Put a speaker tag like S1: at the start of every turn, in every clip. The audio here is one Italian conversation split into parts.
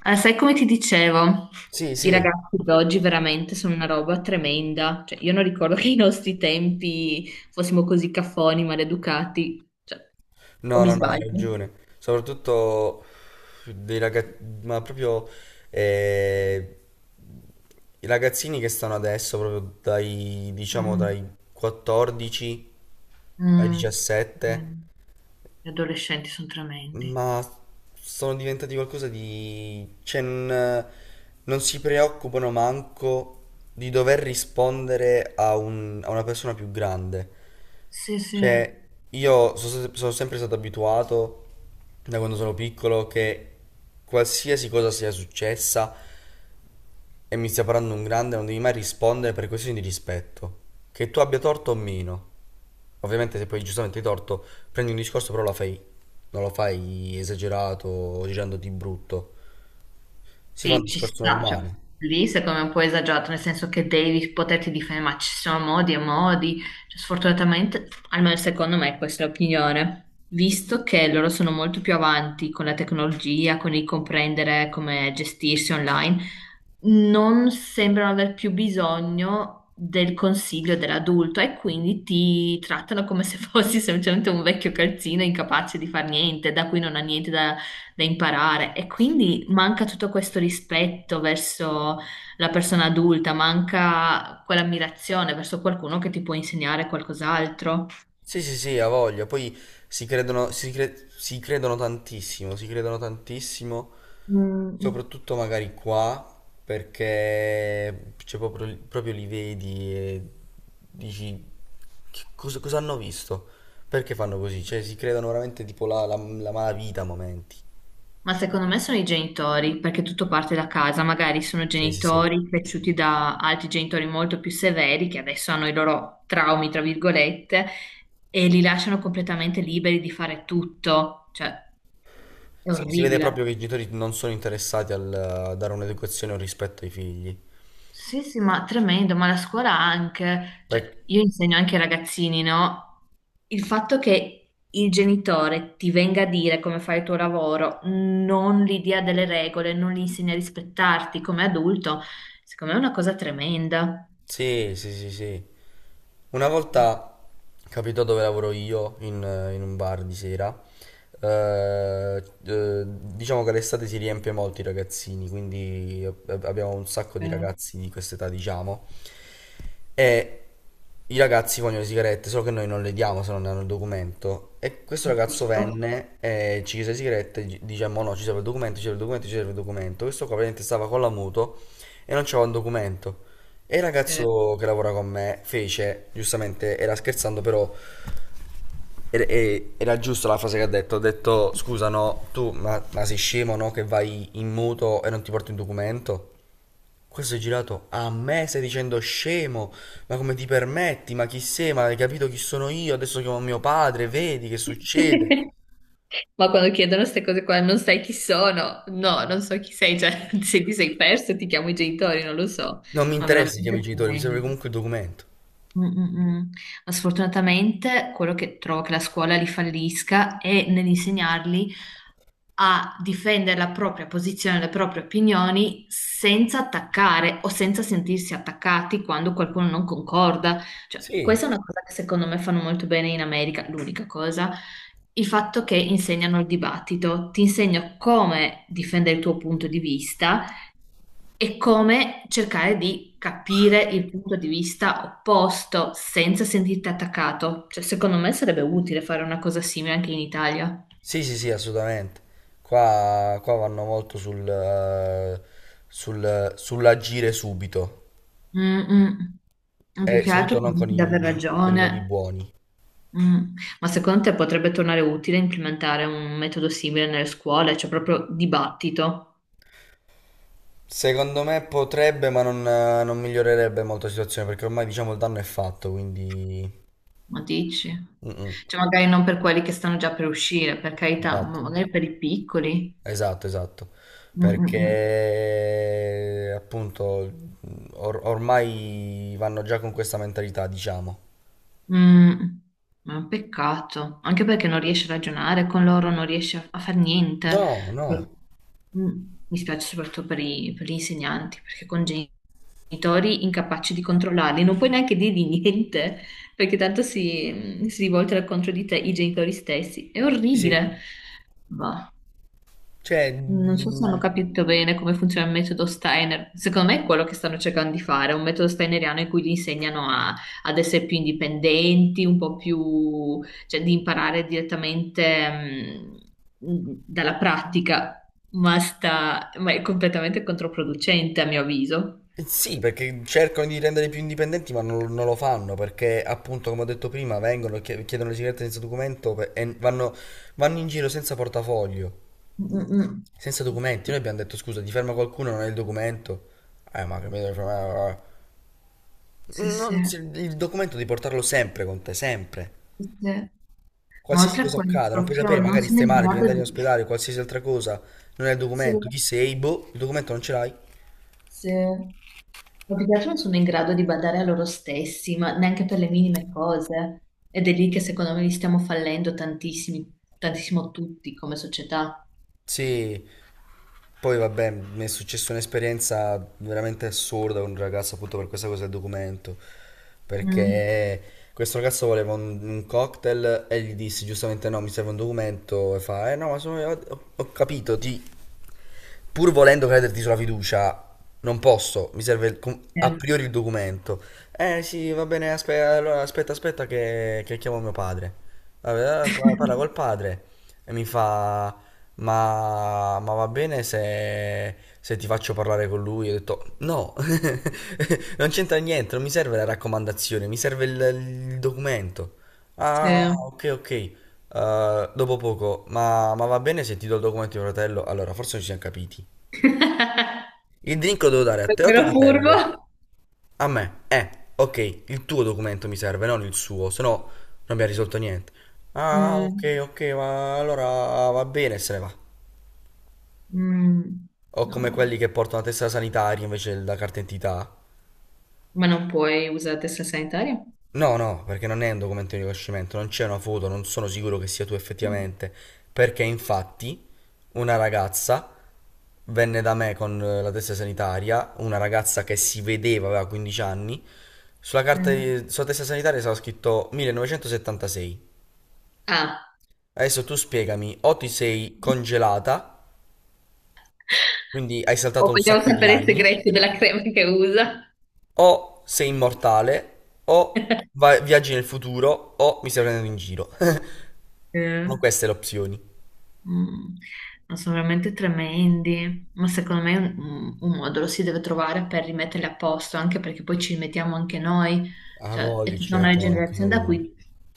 S1: Ah, sai come ti dicevo,
S2: Sì,
S1: i
S2: sì,
S1: ragazzi di oggi veramente sono una roba tremenda. Cioè, io non ricordo che ai nostri tempi fossimo così caffoni, maleducati. Cioè, o
S2: no,
S1: mi
S2: no, no, hai
S1: sbaglio?
S2: ragione. Soprattutto dei ragazzi, ma proprio eh, i ragazzini che stanno adesso, proprio dai, diciamo,
S1: Mm,
S2: dai 14 ai
S1: mm. Eh,
S2: 17,
S1: Gli adolescenti sono tremendi.
S2: ma sono diventati qualcosa di, cioè, non si preoccupano manco di dover rispondere a una persona più grande.
S1: Sì, sì.
S2: Cioè, io sono sempre stato abituato da quando sono piccolo che qualsiasi cosa sia successa e mi stia parlando un grande, non devi mai rispondere per questioni di rispetto. Che tu abbia torto o meno. Ovviamente se poi giustamente hai torto, prendi un discorso, però lo fai, non lo fai esagerato o girando di brutto. Si fa un
S1: Sì, ci
S2: discorso
S1: sta, cioè,
S2: normale.
S1: lì secondo me è un po' esagerato, nel senso che devi poterti difendere, ma ci sono modi e modi. Cioè, sfortunatamente, almeno secondo me, questa è l'opinione. Visto che loro sono molto più avanti con la tecnologia, con il comprendere come gestirsi online, non sembrano aver più bisogno del consiglio dell'adulto e quindi ti trattano come se fossi semplicemente un vecchio calzino incapace di far niente, da cui non ha niente da imparare. E quindi manca tutto questo rispetto verso la persona adulta, manca quell'ammirazione verso qualcuno che ti può insegnare qualcos'altro.
S2: Sì, sì, sì, ha voglia. Poi si credono tantissimo, si credono tantissimo.
S1: Mm.
S2: Soprattutto magari qua, perché, cioè, proprio li vedi e dici "Che cosa hanno visto? Perché fanno così?" Cioè si creano veramente tipo la malavita a momenti.
S1: Ma secondo me sono i genitori, perché tutto parte da casa, magari sono
S2: Sì, sì, sì.
S1: genitori cresciuti da altri genitori molto più severi che adesso hanno i loro traumi, tra virgolette, e li lasciano completamente liberi di fare tutto, cioè è
S2: Si vede proprio
S1: orribile.
S2: che i genitori non sono interessati a dare un'educazione o rispetto ai figli.
S1: Sì, sì, ma tremendo, ma la scuola anche,
S2: Perché.
S1: cioè io insegno anche ai ragazzini, no? Il fatto che il genitore ti venga a dire come fare il tuo lavoro, non gli dia delle regole, non gli insegna a rispettarti come adulto, secondo me è una cosa tremenda.
S2: Sì, sì, sì, sì. Una volta capitò dove lavoro io, in un bar di sera. Diciamo che l'estate si riempie molto i ragazzini, quindi abbiamo un sacco di
S1: Eh,
S2: ragazzi di quest'età, diciamo. E i ragazzi vogliono le sigarette, solo che noi non le diamo se non hanno il documento. E questo ragazzo
S1: giusto?
S2: venne e ci chiese le sigarette, diciamo no, ci serve il documento, ci serve il documento, ci serve il documento. Questo qua praticamente stava con la moto e non c'aveva un documento. E il
S1: Sì.
S2: ragazzo che lavora con me fece, giustamente, era scherzando, però era, era giusta la frase che ha detto. Ha detto, scusa, no, tu, ma sei scemo, no, che vai in muto e non ti porti un documento? Questo è girato a me, stai dicendo scemo, ma come ti permetti, ma chi sei, ma hai capito chi sono io, adesso chiamo mio padre, vedi che succede.
S1: Ma quando chiedono queste cose qua, non sai chi sono? No, non so chi sei, cioè se ti sei perso ti chiamo i genitori, non lo so,
S2: Non mi
S1: ma
S2: interessa chi chiami i
S1: veramente...
S2: genitori, mi serve comunque il documento.
S1: Mm, mm, mm. Ma sfortunatamente quello che trovo che la scuola li fallisca è nell'insegnarli a difendere la propria posizione, le proprie opinioni senza attaccare o senza sentirsi attaccati quando qualcuno non concorda. Cioè,
S2: Sì,
S1: questa è una cosa che secondo me fanno molto bene in America, l'unica cosa, il fatto che insegnano il dibattito, ti insegno come difendere il tuo punto di vista e come cercare di capire il punto di vista opposto senza sentirti attaccato. Cioè, secondo me sarebbe utile fare una cosa simile anche in Italia.
S2: sì, sì, sì, assolutamente. Qua vanno molto sull'agire subito
S1: Mm, mm. Più
S2: e
S1: che altro
S2: soprattutto non con
S1: convinti di aver
S2: i modi
S1: ragione.
S2: buoni.
S1: Mm. Ma secondo te potrebbe tornare utile implementare un metodo simile nelle scuole, cioè proprio dibattito?
S2: Secondo me potrebbe, ma non migliorerebbe molto la situazione perché ormai diciamo il danno è fatto, quindi.
S1: Ma dici?
S2: Mm, mm.
S1: Cioè, magari non per quelli che stanno già per uscire, per carità,
S2: Esatto,
S1: ma magari per i piccoli.
S2: esatto, esatto.
S1: Mm, mm, mm.
S2: Perché appunto ormai vanno già con questa mentalità, diciamo.
S1: Mm, ma è un peccato, anche perché non riesci a ragionare con loro, non riesci a fare niente.
S2: No, no,
S1: Mm, mi spiace soprattutto per, per gli insegnanti, perché con genitori incapaci di controllarli, non puoi neanche dirgli niente, perché tanto si rivoltano contro di te i genitori stessi. È
S2: sì, sì.
S1: orribile.
S2: Cioè,
S1: Non so se hanno capito bene come funziona il metodo Steiner. Secondo me è quello che stanno cercando di fare, è un metodo steineriano in cui gli insegnano ad essere più indipendenti, un po' più, cioè di imparare direttamente dalla pratica, ma è completamente controproducente a mio avviso.
S2: sì, perché cercano di rendere più indipendenti, ma non lo fanno perché, appunto, come ho detto prima, vengono, chiedono le sigarette senza documento, e vanno in giro senza portafoglio,
S1: Mm-mm.
S2: senza documenti. Noi abbiamo detto: scusa, ti ferma qualcuno, non hai il documento. Ma capito? Cioè, eh,
S1: Sì, sì,
S2: Non si- il documento devi portarlo sempre con te, sempre.
S1: sì. Ma
S2: Qualsiasi
S1: oltre a
S2: cosa
S1: quello,
S2: accada, non puoi
S1: proprio
S2: sapere,
S1: non
S2: magari
S1: sono
S2: stai
S1: in
S2: male, devi
S1: grado
S2: andare in
S1: di...
S2: ospedale, qualsiasi altra cosa, non hai il
S1: Sì,
S2: documento, chi sei, boh, il documento non ce l'hai.
S1: sì. Ma più che altro non sono in grado di badare a loro stessi, ma neanche per le minime cose. Ed è lì che secondo me li stiamo fallendo tantissimi, tantissimo tutti come società.
S2: Sì. Poi vabbè, mi è successa un'esperienza veramente assurda con un ragazzo appunto per questa cosa del documento,
S1: Mm.
S2: perché questo ragazzo voleva un cocktail e gli dissi giustamente no, mi serve un documento, e fa, eh no, ma sono io, ho capito, pur volendo crederti sulla fiducia, non posso, mi serve a
S1: Sì.
S2: priori il documento. Eh sì, va bene, allora aspetta, aspetta che chiamo mio padre. Vabbè, parla col padre e mi fa, ma va bene se ti faccio parlare con lui? Io ho detto, no, non c'entra niente, non mi serve la raccomandazione, mi serve il documento. Ah,
S1: Sì.
S2: ok, ok. Dopo poco, ma va bene se ti do il documento di mio fratello? Allora, forse non ci siamo capiti. Il drink lo devo dare a te o a tuo
S1: Davvero
S2: fratello?
S1: furbo.
S2: A me. Ok, il tuo documento mi serve, non il suo, se no non abbiamo risolto niente. Ah, ok,
S1: Mm.
S2: ok, ma allora va bene, se ne va.
S1: Mm.
S2: O come
S1: No,
S2: quelli che portano la tessera sanitaria invece della carta d'identità.
S1: ma non puoi usare la testa sanitaria?
S2: No, no, perché non è un documento di riconoscimento, non c'è una foto, non sono sicuro che sia tu effettivamente, perché infatti una ragazza venne da me con la testa sanitaria, una ragazza che si vedeva, aveva 15 anni,
S1: Sì.
S2: sulla testa sanitaria stava scritto 1976.
S1: Ah,
S2: Adesso tu spiegami, o ti sei congelata, quindi hai
S1: o
S2: saltato un
S1: vogliamo
S2: sacco di
S1: sapere i
S2: anni,
S1: segreti della crema che usa?
S2: o sei immortale, o viaggi nel futuro, o mi stai prendendo in giro.
S1: Sì.
S2: Sono queste le opzioni.
S1: Mm, no, sono veramente tremendi, ma secondo me un modo lo si deve trovare per rimetterli a posto, anche perché poi ci rimettiamo anche noi,
S2: A
S1: cioè è
S2: voglia,
S1: tutta
S2: ci
S1: una
S2: mettiamo anche
S1: generazione da
S2: noi.
S1: cui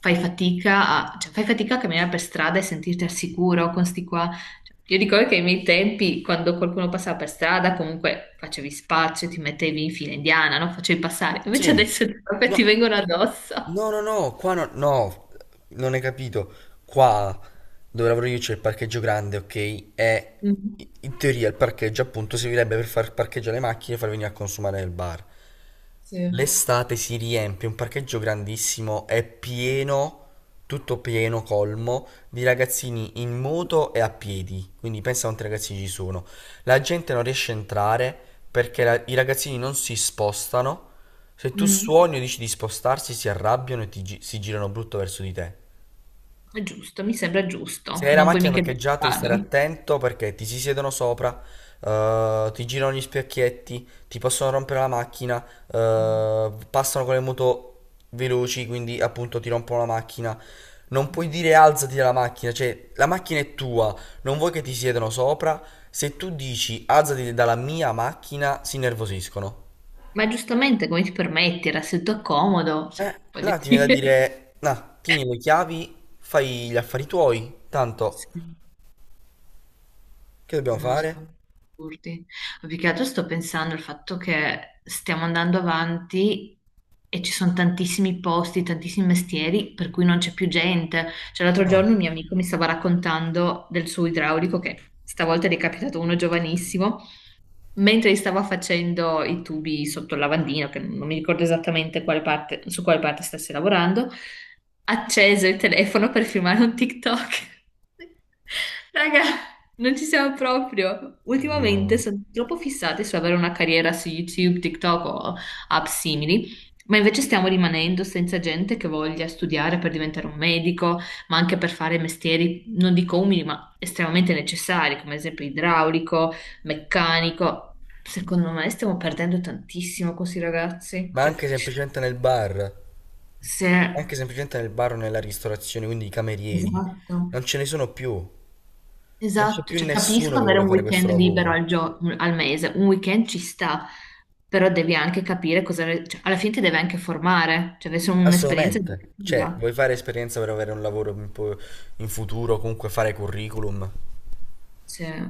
S1: fai fatica a, cioè, fai fatica a camminare per strada e sentirti al sicuro con sti qua. Cioè, io ricordo che ai miei tempi, quando qualcuno passava per strada, comunque facevi spazio, ti mettevi in fila indiana, no? Facevi passare, invece
S2: Sì,
S1: adesso proprio ti
S2: no,
S1: vengono addosso.
S2: no, no, no, qua no, no, non hai capito. Qua dove lavoro io c'è il parcheggio grande, ok? E
S1: Mm,
S2: in teoria il parcheggio appunto servirebbe per far parcheggiare le macchine e far venire a consumare nel bar.
S1: sì.
S2: L'estate si riempie, un parcheggio grandissimo, è pieno, tutto pieno, colmo, di ragazzini in moto e a piedi. Quindi pensa quanti ragazzini ci sono. La gente non riesce a entrare perché i ragazzini non si spostano, se tu
S1: Mm.
S2: suoni o dici di spostarsi, si arrabbiano e si girano brutto verso di te.
S1: È giusto, mi sembra
S2: Se
S1: giusto,
S2: hai la
S1: non puoi
S2: macchina
S1: mica
S2: parcheggiata, devi stare
S1: giustificarli.
S2: attento perché ti si siedono sopra, ti girano gli specchietti, ti possono rompere la macchina, passano con le moto veloci, quindi appunto ti rompono la macchina. Non puoi dire alzati dalla macchina, cioè la macchina è tua, non vuoi che ti siedano sopra. Se tu dici alzati dalla mia macchina, si innervosiscono.
S1: Ma giustamente come ti permetti, era seduto a comodo, cioè, voglio
S2: Là ti viene da
S1: dire,
S2: dire, no, tieni le chiavi, fai gli affari tuoi, tanto,
S1: sì,
S2: che dobbiamo
S1: non so,
S2: fare?
S1: assurdi. Ma più che altro sto pensando al fatto che stiamo andando avanti e ci sono tantissimi posti, tantissimi mestieri per cui non c'è più gente. Cioè, l'altro giorno
S2: No,
S1: un mio amico mi stava raccontando del suo idraulico, che stavolta gli è capitato uno giovanissimo, mentre gli stavo facendo i tubi sotto il lavandino, che non mi ricordo esattamente su quale parte stesse lavorando, acceso il telefono per filmare un TikTok. Raga, non ci siamo proprio. Ultimamente
S2: no.
S1: sono troppo fissati su avere una carriera su YouTube, TikTok o app simili, ma invece stiamo rimanendo senza gente che voglia studiare per diventare un medico, ma anche per fare mestieri, non dico umili, ma estremamente necessari, come ad esempio idraulico meccanico. Secondo me stiamo perdendo tantissimo con questi ragazzi.
S2: Ma
S1: Cioè,
S2: anche semplicemente nel bar,
S1: se...
S2: anche semplicemente nel bar o nella ristorazione, quindi i camerieri,
S1: Esatto,
S2: non ce ne sono più, non c'è
S1: esatto.
S2: più
S1: Cioè,
S2: nessuno
S1: capisco
S2: che
S1: avere
S2: vuole
S1: un
S2: fare questo
S1: weekend libero
S2: lavoro,
S1: al mese, un weekend ci sta, però devi anche capire cosa... cioè, alla fine ti deve anche formare, cioè deve essere un'esperienza
S2: assolutamente. Cioè,
S1: educativa.
S2: vuoi fare esperienza per avere un lavoro in futuro, comunque fare curriculum?
S1: Cioè,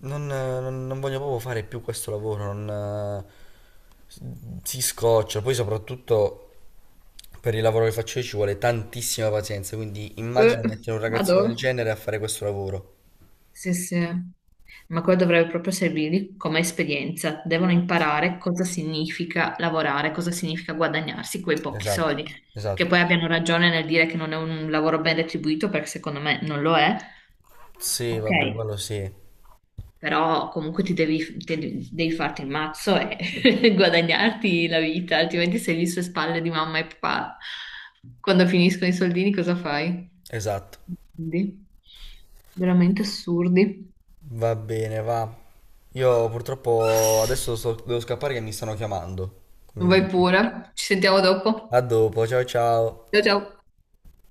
S2: Non voglio proprio fare più questo lavoro, non, s- si scoccia. Poi soprattutto per il lavoro che faccio io ci vuole tantissima pazienza, quindi immagina
S1: eh,
S2: mettere un ragazzino
S1: vado.
S2: del genere a fare questo lavoro.
S1: Sì, sì. Ma quello dovrebbe proprio servirgli come esperienza. Devono imparare cosa significa lavorare, cosa significa guadagnarsi quei pochi
S2: Esatto,
S1: soldi. Che
S2: esatto.
S1: poi abbiano ragione nel dire che non è un lavoro ben retribuito, perché secondo me non lo è.
S2: Sì,
S1: Ok,
S2: vabbè, quello sì,
S1: però comunque ti devi, devi farti il mazzo e guadagnarti la vita, altrimenti sei lì sulle spalle di mamma e papà. Quando finiscono i soldini, cosa fai?
S2: esatto.
S1: Quindi, veramente assurdi.
S2: Va bene, va. Io purtroppo adesso devo scappare che mi stanno chiamando, quindi
S1: Vai pure, ci sentiamo dopo.
S2: a dopo, ciao ciao.
S1: Ciao ciao.